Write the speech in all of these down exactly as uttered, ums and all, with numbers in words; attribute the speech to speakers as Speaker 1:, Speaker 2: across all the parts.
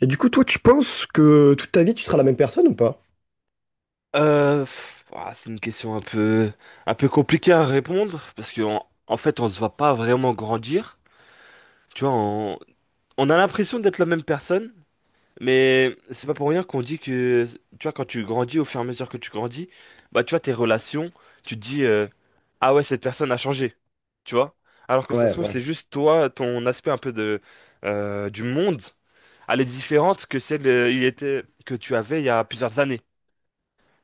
Speaker 1: Et du coup, toi, tu penses que toute ta vie, tu seras la même personne ou pas?
Speaker 2: Euh, pff, ouah, c'est une question un peu, un peu compliquée à répondre parce que en, en fait, on se voit pas vraiment grandir. Tu vois, on, on a l'impression d'être la même personne, mais c'est pas pour rien qu'on dit que, tu vois, quand tu grandis, au fur et à mesure que tu grandis, bah, tu vois, tes relations, tu te dis, euh, ah ouais, cette personne a changé, tu vois. Alors que ça se
Speaker 1: Ouais,
Speaker 2: trouve,
Speaker 1: ouais,
Speaker 2: c'est juste toi, ton aspect un peu de, euh, du monde, elle est différente que celle, euh, il était, que tu avais il y a plusieurs années.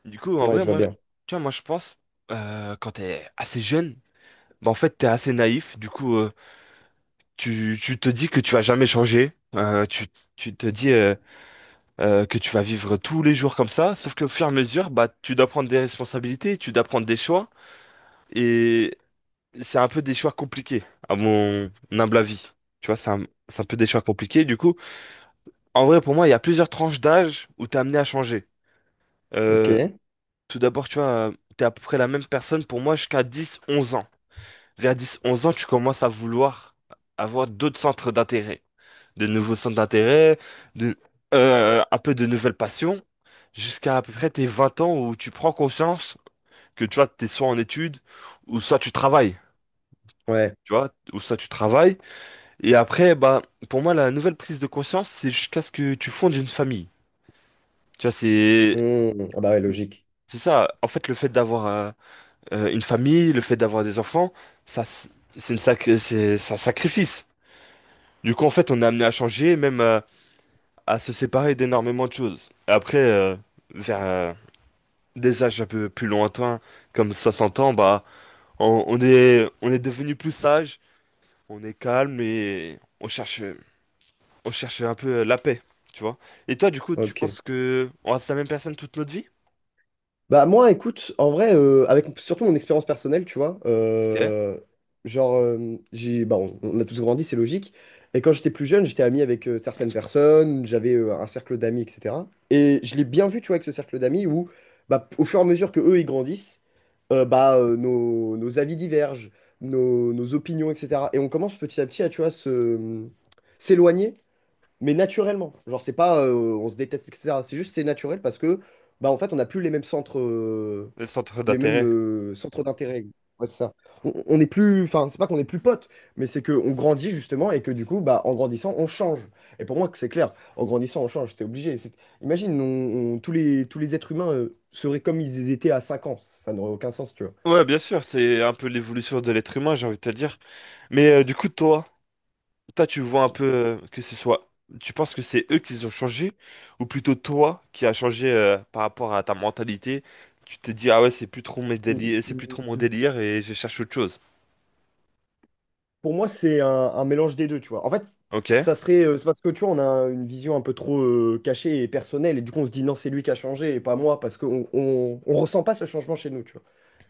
Speaker 2: Du coup, en
Speaker 1: ouais,
Speaker 2: vrai,
Speaker 1: je vois
Speaker 2: moi,
Speaker 1: bien.
Speaker 2: tu vois, moi, je pense, euh, quand t'es assez jeune, bah, en fait, t'es assez naïf. Du coup, euh, tu, tu te dis que tu vas jamais changer. Euh, tu, tu te dis euh, euh, que tu vas vivre tous les jours comme ça. Sauf qu'au fur et à mesure, bah, tu dois prendre des responsabilités, tu dois prendre des choix. Et c'est un peu des choix compliqués, à mon humble avis. Tu vois, c'est un, c'est un peu des choix compliqués. Du coup, en vrai, pour moi, il y a plusieurs tranches d'âge où t'es amené à changer.
Speaker 1: Ok.
Speaker 2: Euh, Tout d'abord, tu vois, t'es à peu près la même personne pour moi jusqu'à dix, onze ans. Vers dix onze ans, tu commences à vouloir avoir d'autres centres d'intérêt, de nouveaux centres d'intérêt, de, euh, un peu de nouvelles passions, jusqu'à à peu près tes vingt ans où tu prends conscience que tu vois, t'es soit en études, ou soit tu travailles,
Speaker 1: Ouais.
Speaker 2: tu vois, ou soit tu travailles. Et après, bah, pour moi, la nouvelle prise de conscience, c'est jusqu'à ce que tu fondes une famille. Tu vois, c'est...
Speaker 1: Mmh. Ah bah ouais, logique.
Speaker 2: C'est ça, en fait, le fait d'avoir euh, euh, une famille, le fait d'avoir des enfants, ça, c'est une sacré, c'est c'est un sacrifice. Du coup, en fait, on est amené à changer, même euh, à se séparer d'énormément de choses. Après, euh, vers euh, des âges un peu plus lointains, comme soixante ans, bah, on, on est, on est devenu plus sage, on est calme et on cherche, on cherche un peu la paix, tu vois. Et toi, du coup, tu
Speaker 1: Ok.
Speaker 2: penses que on reste la même personne toute notre vie?
Speaker 1: Bah moi, écoute, en vrai, euh, avec surtout mon expérience personnelle, tu vois,
Speaker 2: Ok.
Speaker 1: euh, genre, euh, j'ai, bah, on, on a tous grandi, c'est logique. Et quand j'étais plus jeune, j'étais ami avec euh, certaines personnes, j'avais euh, un cercle d'amis, et cetera. Et je l'ai bien vu, tu vois, avec ce cercle d'amis où, bah, au fur et à mesure que eux, ils grandissent, euh, bah, euh, nos, nos avis divergent, nos, nos opinions, et cetera. Et on commence petit à petit à, tu vois, se, s'éloigner mais naturellement. Genre, c'est pas euh, on se déteste, et cetera. C'est juste c'est naturel parce que, bah, en fait, on n'a plus les mêmes centres, euh,
Speaker 2: Le centre
Speaker 1: les mêmes
Speaker 2: d'intérêt.
Speaker 1: euh, centres d'intérêt. Ouais, c'est ça. On, on est plus, enfin, c'est pas qu'on est plus potes, mais c'est qu'on grandit justement et que du coup, bah, en grandissant, on change. Et pour moi, que c'est clair. En grandissant, on change. C'est obligé. C'est- Imagine, on- on- tous les, tous les êtres humains euh, seraient comme ils étaient à cinq ans. Ça n'aurait aucun sens, tu
Speaker 2: Ouais, bien sûr, c'est un peu l'évolution de l'être humain, j'ai envie de te dire. Mais euh, du coup, toi, Toi, tu vois un peu euh, que ce soit. Tu penses que c'est eux qui ont changé, ou plutôt toi qui as changé euh, par rapport à ta mentalité? Tu te dis, ah ouais, c'est plus trop mes déli- c'est plus trop
Speaker 1: vois.
Speaker 2: mon délire et je cherche autre chose.
Speaker 1: Pour moi, c'est un, un mélange des deux, tu vois. En fait, ça
Speaker 2: Ok?
Speaker 1: serait. Euh, c'est parce que tu vois, on a une vision un peu trop euh, cachée et personnelle, et du coup, on se dit non, c'est lui qui a changé et pas moi, parce qu'on on, on ressent pas ce changement chez nous, tu vois.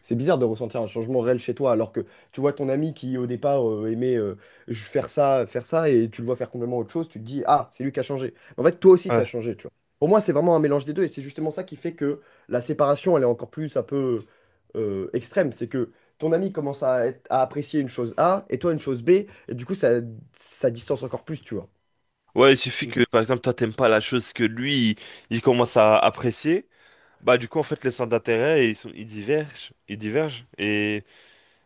Speaker 1: C'est bizarre de ressentir un changement réel chez toi, alors que tu vois ton ami qui, au départ, euh, aimait euh, je- faire ça, faire ça, et tu le vois faire complètement autre chose, tu te dis ah, c'est lui qui a changé. En fait, toi aussi, tu as
Speaker 2: Ouais.
Speaker 1: changé, tu vois. Pour moi, c'est vraiment un mélange des deux, et c'est justement ça qui fait que la séparation, elle est encore plus un peu euh, extrême. C'est que ton ami commence à, être- à apprécier une chose A et toi une chose B, et du coup, ça, ça distance encore plus, tu vois.
Speaker 2: Ouais, il suffit
Speaker 1: Donc,
Speaker 2: que, par exemple, toi, t'aimes pas la chose que lui, il, il commence à apprécier. Bah, du coup, en fait, les centres d'intérêt, ils sont, ils divergent. Ils divergent. Et,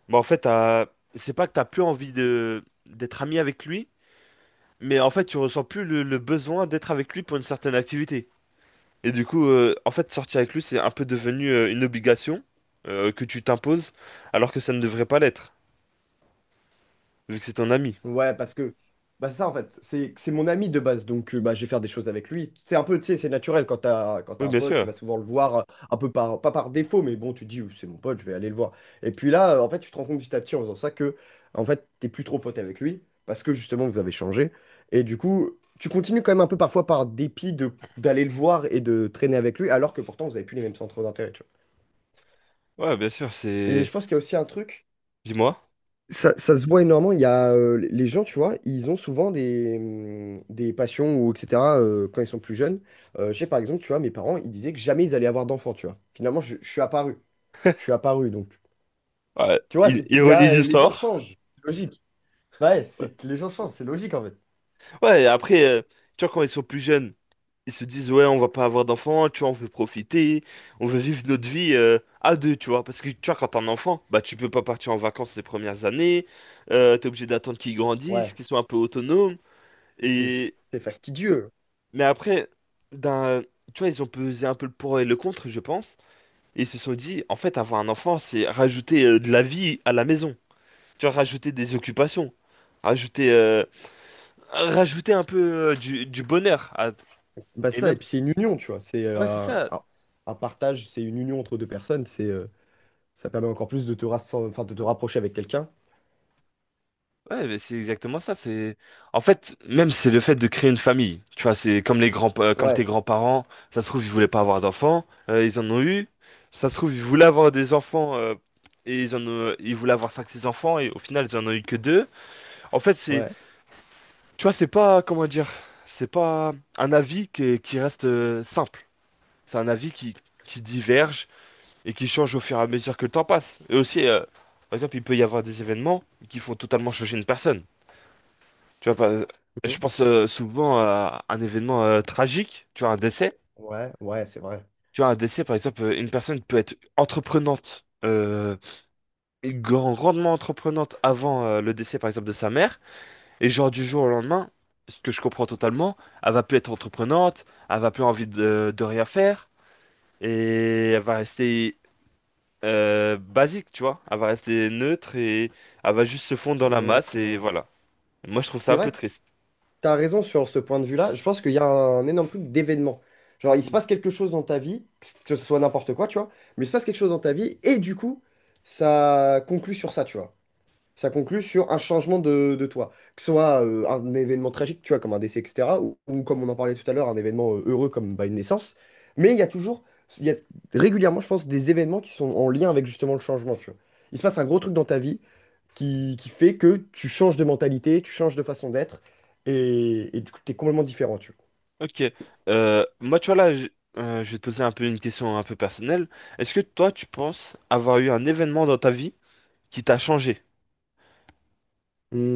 Speaker 2: bah, en fait, t'as- c'est pas que t'as plus envie de, d'être ami avec lui, mais en fait, tu ressens plus le le besoin d'être avec lui pour une certaine activité. Et du coup, euh, en fait, sortir avec lui, c'est un peu devenu euh, une obligation euh, que tu t'imposes, alors que ça ne devrait pas l'être, vu que c'est ton ami.
Speaker 1: ouais, parce que bah, c'est ça en fait, c'est c'est mon ami de base, donc euh, bah, je vais faire des choses avec lui. C'est un peu, tu sais, c'est naturel quand t'as, quand
Speaker 2: Oui,
Speaker 1: t'as un
Speaker 2: bien
Speaker 1: pote, tu
Speaker 2: sûr.
Speaker 1: vas souvent le voir, euh, un peu par, pas par défaut, mais bon, tu te dis, oui, c'est mon pote, je vais aller le voir. Et puis là, euh, en fait, tu te rends compte petit à petit en faisant ça que, en fait, t'es plus trop pote avec lui, parce que justement, vous avez changé. Et du coup, tu continues quand même un peu parfois par dépit de d'aller le voir et de traîner avec lui, alors que pourtant, vous avez plus les mêmes centres d'intérêt, tu vois.
Speaker 2: Ouais, bien sûr,
Speaker 1: Et
Speaker 2: c'est...
Speaker 1: je pense qu'il y a aussi un truc,
Speaker 2: Dis-moi.
Speaker 1: ça, ça se voit énormément, il y a euh, les gens, tu vois, ils ont souvent des, hum, des passions ou et cetera euh, quand ils sont plus jeunes. Euh, je sais par exemple, tu vois, mes parents, ils disaient que jamais ils allaient avoir d'enfants, tu vois. Finalement, je, je suis apparu. Je suis apparu, donc.
Speaker 2: Ouais,
Speaker 1: Tu vois,
Speaker 2: i-
Speaker 1: c'est qu'il y
Speaker 2: ironie
Speaker 1: a,
Speaker 2: du
Speaker 1: les gens
Speaker 2: sort.
Speaker 1: changent, c'est logique. Ouais,
Speaker 2: Ouais,
Speaker 1: c'est que les gens changent, c'est logique en fait.
Speaker 2: ouais, et après, euh, tu vois, quand ils sont plus jeunes, ils se disent, ouais, on va pas avoir d'enfants, tu vois, on veut profiter, on veut vivre notre vie euh, à deux, tu vois. Parce que, tu vois, quand t'es un enfant, bah, tu peux pas partir en vacances les premières années, euh, t'es obligé d'attendre qu'ils grandissent,
Speaker 1: Ouais.
Speaker 2: qu'ils soient un peu autonomes.
Speaker 1: Puis C'est
Speaker 2: Et,
Speaker 1: c'est fastidieux.
Speaker 2: Mais après, d'un, tu vois, ils ont pesé un peu le pour et le contre, je pense. Et ils se sont dit, en fait, avoir un enfant, c'est rajouter euh, de la vie à la maison. Tu vois, rajouter des occupations. Rajouter, euh, Rajouter un peu euh, du, du bonheur. à-
Speaker 1: Bah
Speaker 2: Et
Speaker 1: ça, et
Speaker 2: même,
Speaker 1: puis c'est une union, tu vois. C'est
Speaker 2: ouais, c'est
Speaker 1: euh,
Speaker 2: ça.
Speaker 1: un, un partage, c'est une union entre deux personnes, c'est euh, ça permet encore plus de te, rassem- enfin, de te rapprocher avec quelqu'un.
Speaker 2: Ouais, mais c'est exactement ça. C'est en fait même c'est le fait de créer une famille. Tu vois, c'est comme les grands, euh, comme
Speaker 1: Ouais,
Speaker 2: tes grands-parents. Ça se trouve ils voulaient pas avoir d'enfants, euh, ils en ont eu. Ça se trouve ils voulaient avoir des enfants euh, et ils en ont, euh, ils voulaient avoir cinq, six enfants et au final ils en ont eu que deux. En fait c'est,
Speaker 1: ouais.
Speaker 2: tu vois, c'est pas comment dire, c'est pas un avis qui, est- qui reste euh, simple. C'est un avis qui qui diverge et qui change au fur et à mesure que le temps passe. Et aussi, euh, par exemple, il peut y avoir des événements qui font totalement changer une personne. Tu vois, pas- je pense euh, souvent à un événement euh, tragique, tu vois, un décès.
Speaker 1: Ouais, ouais, c'est vrai.
Speaker 2: Tu vois, un décès, par exemple, euh, une personne peut être entreprenante, euh, et grand- grandement entreprenante avant euh, le décès, par exemple, de sa mère. Et genre, du jour au lendemain, ce que je comprends totalement, elle va plus être entreprenante, elle va plus envie de, de rien faire. Et elle va rester euh, basique, tu vois. Elle va rester neutre et elle va juste se fondre dans la masse. Et
Speaker 1: Mhm.
Speaker 2: voilà. Moi, je trouve ça
Speaker 1: C'est
Speaker 2: un
Speaker 1: vrai
Speaker 2: peu
Speaker 1: que
Speaker 2: triste.
Speaker 1: tu as raison sur ce point de vue-là. Je pense qu'il y a un énorme truc d'événement. Genre, il se passe quelque chose dans ta vie, que ce soit n'importe quoi, tu vois, mais il se passe quelque chose dans ta vie, et du coup, ça conclut sur ça, tu vois. Ça conclut sur un changement de, de toi. Que ce soit euh, un événement tragique, tu vois, comme un décès, et cetera, ou, ou comme on en parlait tout à l'heure, un événement euh, heureux comme bah, une naissance. Mais il y a toujours, il y a régulièrement, je pense, des événements qui sont en lien avec justement le changement, tu vois. Il se passe un gros truc dans ta vie, qui, qui fait que tu changes de mentalité, tu changes de façon d'être, et, et du coup, tu es complètement différent, tu vois.
Speaker 2: Ok. Euh, moi, tu vois, là, je, euh, je vais te poser un peu une question un peu personnelle. Est-ce que toi, tu penses avoir eu un événement dans ta vie qui t'a changé?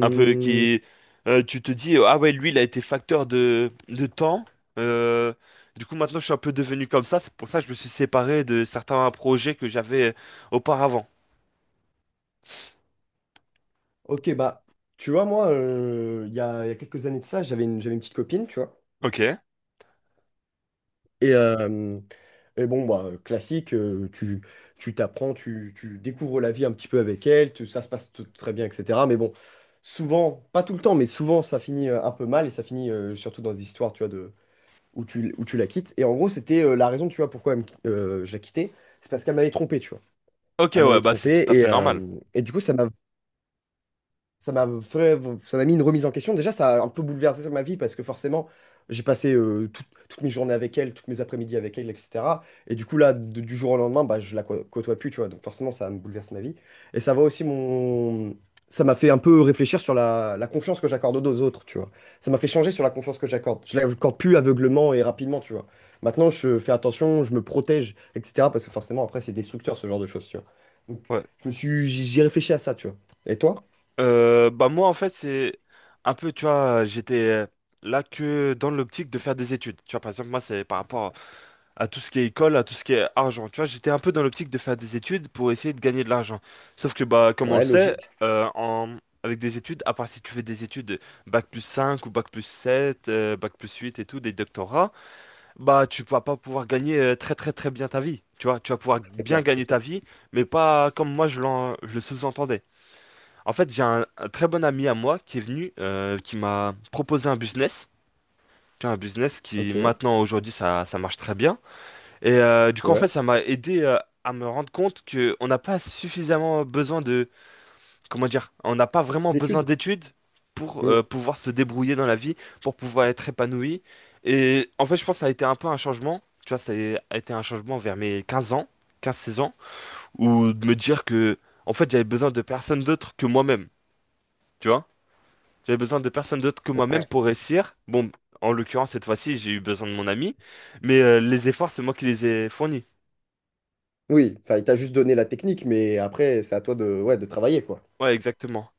Speaker 2: Un peu, qui, euh, Tu te dis, ah ouais, lui, il a été facteur de, de temps. Euh, du coup, maintenant, je suis un peu devenu comme ça. C'est pour ça que je me suis séparé de certains projets que j'avais euh, auparavant.
Speaker 1: ok, bah, tu vois, moi, euh, il y a, il y a quelques années de ça, j'avais une, j'avais une petite copine, tu vois.
Speaker 2: Ok.
Speaker 1: Et, euh, et bon, bah, classique, euh, tu, tu t'apprends, tu, tu découvres la vie un petit peu avec elle, tu- ça se passe t- très bien, et cetera. Mais bon, souvent, pas tout le temps, mais souvent, ça finit euh, un peu mal, et ça finit euh, surtout dans des histoires, tu vois, où tu, où tu la quittes. Et en gros, c'était euh, la raison, tu vois, pourquoi elle me qui- euh, je la quittais. C'est parce qu'elle m'avait trompé, tu vois.
Speaker 2: Ok,
Speaker 1: Elle
Speaker 2: ouais,
Speaker 1: m'avait
Speaker 2: bah, c'est
Speaker 1: trompé
Speaker 2: tout à fait
Speaker 1: et, euh,
Speaker 2: normal.
Speaker 1: et du coup, ça m'a ça m'a fait- ça m'a mis une remise en question. Déjà, ça a un peu bouleversé ma vie parce que forcément, j'ai passé euh, tout- toutes mes journées avec elle, toutes mes après-midi avec elle, et cetera. Et du coup, là, de- du jour au lendemain, bah, je la cô- côtoie plus, tu vois. Donc forcément, ça me bouleverse ma vie. Et ça va aussi mon. Ça m'a fait un peu réfléchir sur la, la confiance que j'accorde aux autres, tu vois. Ça m'a fait changer sur la confiance que j'accorde. Je l'accorde plus aveuglément et rapidement, tu vois. Maintenant, je fais attention, je me protège, et cetera. Parce que forcément, après, c'est destructeur, ce genre de choses, tu vois. Donc,
Speaker 2: Ouais.
Speaker 1: je me suis. J'y réfléchi à ça, tu vois. Et toi?
Speaker 2: Euh, bah, moi, en fait, c'est un peu, tu vois, j'étais euh, là que dans l'optique de faire des études. Tu vois, par exemple, moi, c'est par rapport à tout ce qui est école, à tout ce qui est argent. Tu vois, j'étais un peu dans l'optique de faire des études pour essayer de gagner de l'argent. Sauf que, bah, comme on le
Speaker 1: Ouais,
Speaker 2: sait,
Speaker 1: logique.
Speaker 2: euh, en avec des études, à part si tu fais des études bac plus cinq ou bac plus sept euh, bac plus huit et tout, des doctorats, bah, tu vas pas pouvoir gagner euh, très très très bien ta vie. Tu vois, tu vas pouvoir
Speaker 1: C'est
Speaker 2: bien
Speaker 1: clair, c'est
Speaker 2: gagner
Speaker 1: clair.
Speaker 2: ta vie, mais pas comme moi je l'en je le sous-entendais. En fait, j'ai un, un très bon ami à moi qui est venu, euh, qui m'a proposé un business. Tu vois, un business qui,
Speaker 1: Ok,
Speaker 2: maintenant, aujourd'hui, ça, ça marche très bien. Et euh, du coup, en
Speaker 1: ouais.
Speaker 2: fait, ça m'a aidé euh, à me rendre compte que on n'a pas suffisamment besoin de... Comment dire? On n'a pas vraiment
Speaker 1: Les
Speaker 2: besoin
Speaker 1: études.
Speaker 2: d'études pour
Speaker 1: Hmm,
Speaker 2: euh, pouvoir se débrouiller dans la vie, pour pouvoir être épanoui. Et en fait, je pense que ça a été un peu un changement. Tu vois, ça a été un changement vers mes quinze ans, quinze seize ans, où de me dire que, en fait, j'avais besoin de personne d'autre que moi-même. Tu vois, j'avais besoin de personne d'autre que moi-même
Speaker 1: ouais.
Speaker 2: pour réussir. Bon, en l'occurrence, cette fois-ci, j'ai eu besoin de mon ami, mais euh, les efforts, c'est moi qui les ai fournis.
Speaker 1: Oui, enfin, il t'a juste donné la technique, mais après, c'est à toi de, ouais, de travailler, quoi.
Speaker 2: Ouais, exactement.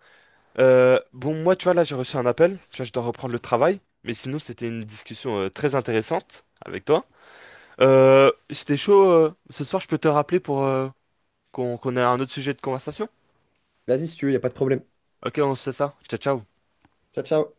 Speaker 2: Euh, bon, moi, tu vois, là, j'ai reçu un appel. Tu vois, je dois reprendre le travail. Mais sinon, c'était une discussion euh, très intéressante avec toi. Euh, c'était chaud. Euh, ce soir, je peux te rappeler pour euh, qu'on qu'on ait un autre sujet de conversation?
Speaker 1: Vas-y, si tu veux, il a pas de problème.
Speaker 2: Ok, on se fait ça. Ciao, ciao.
Speaker 1: Ciao, ciao.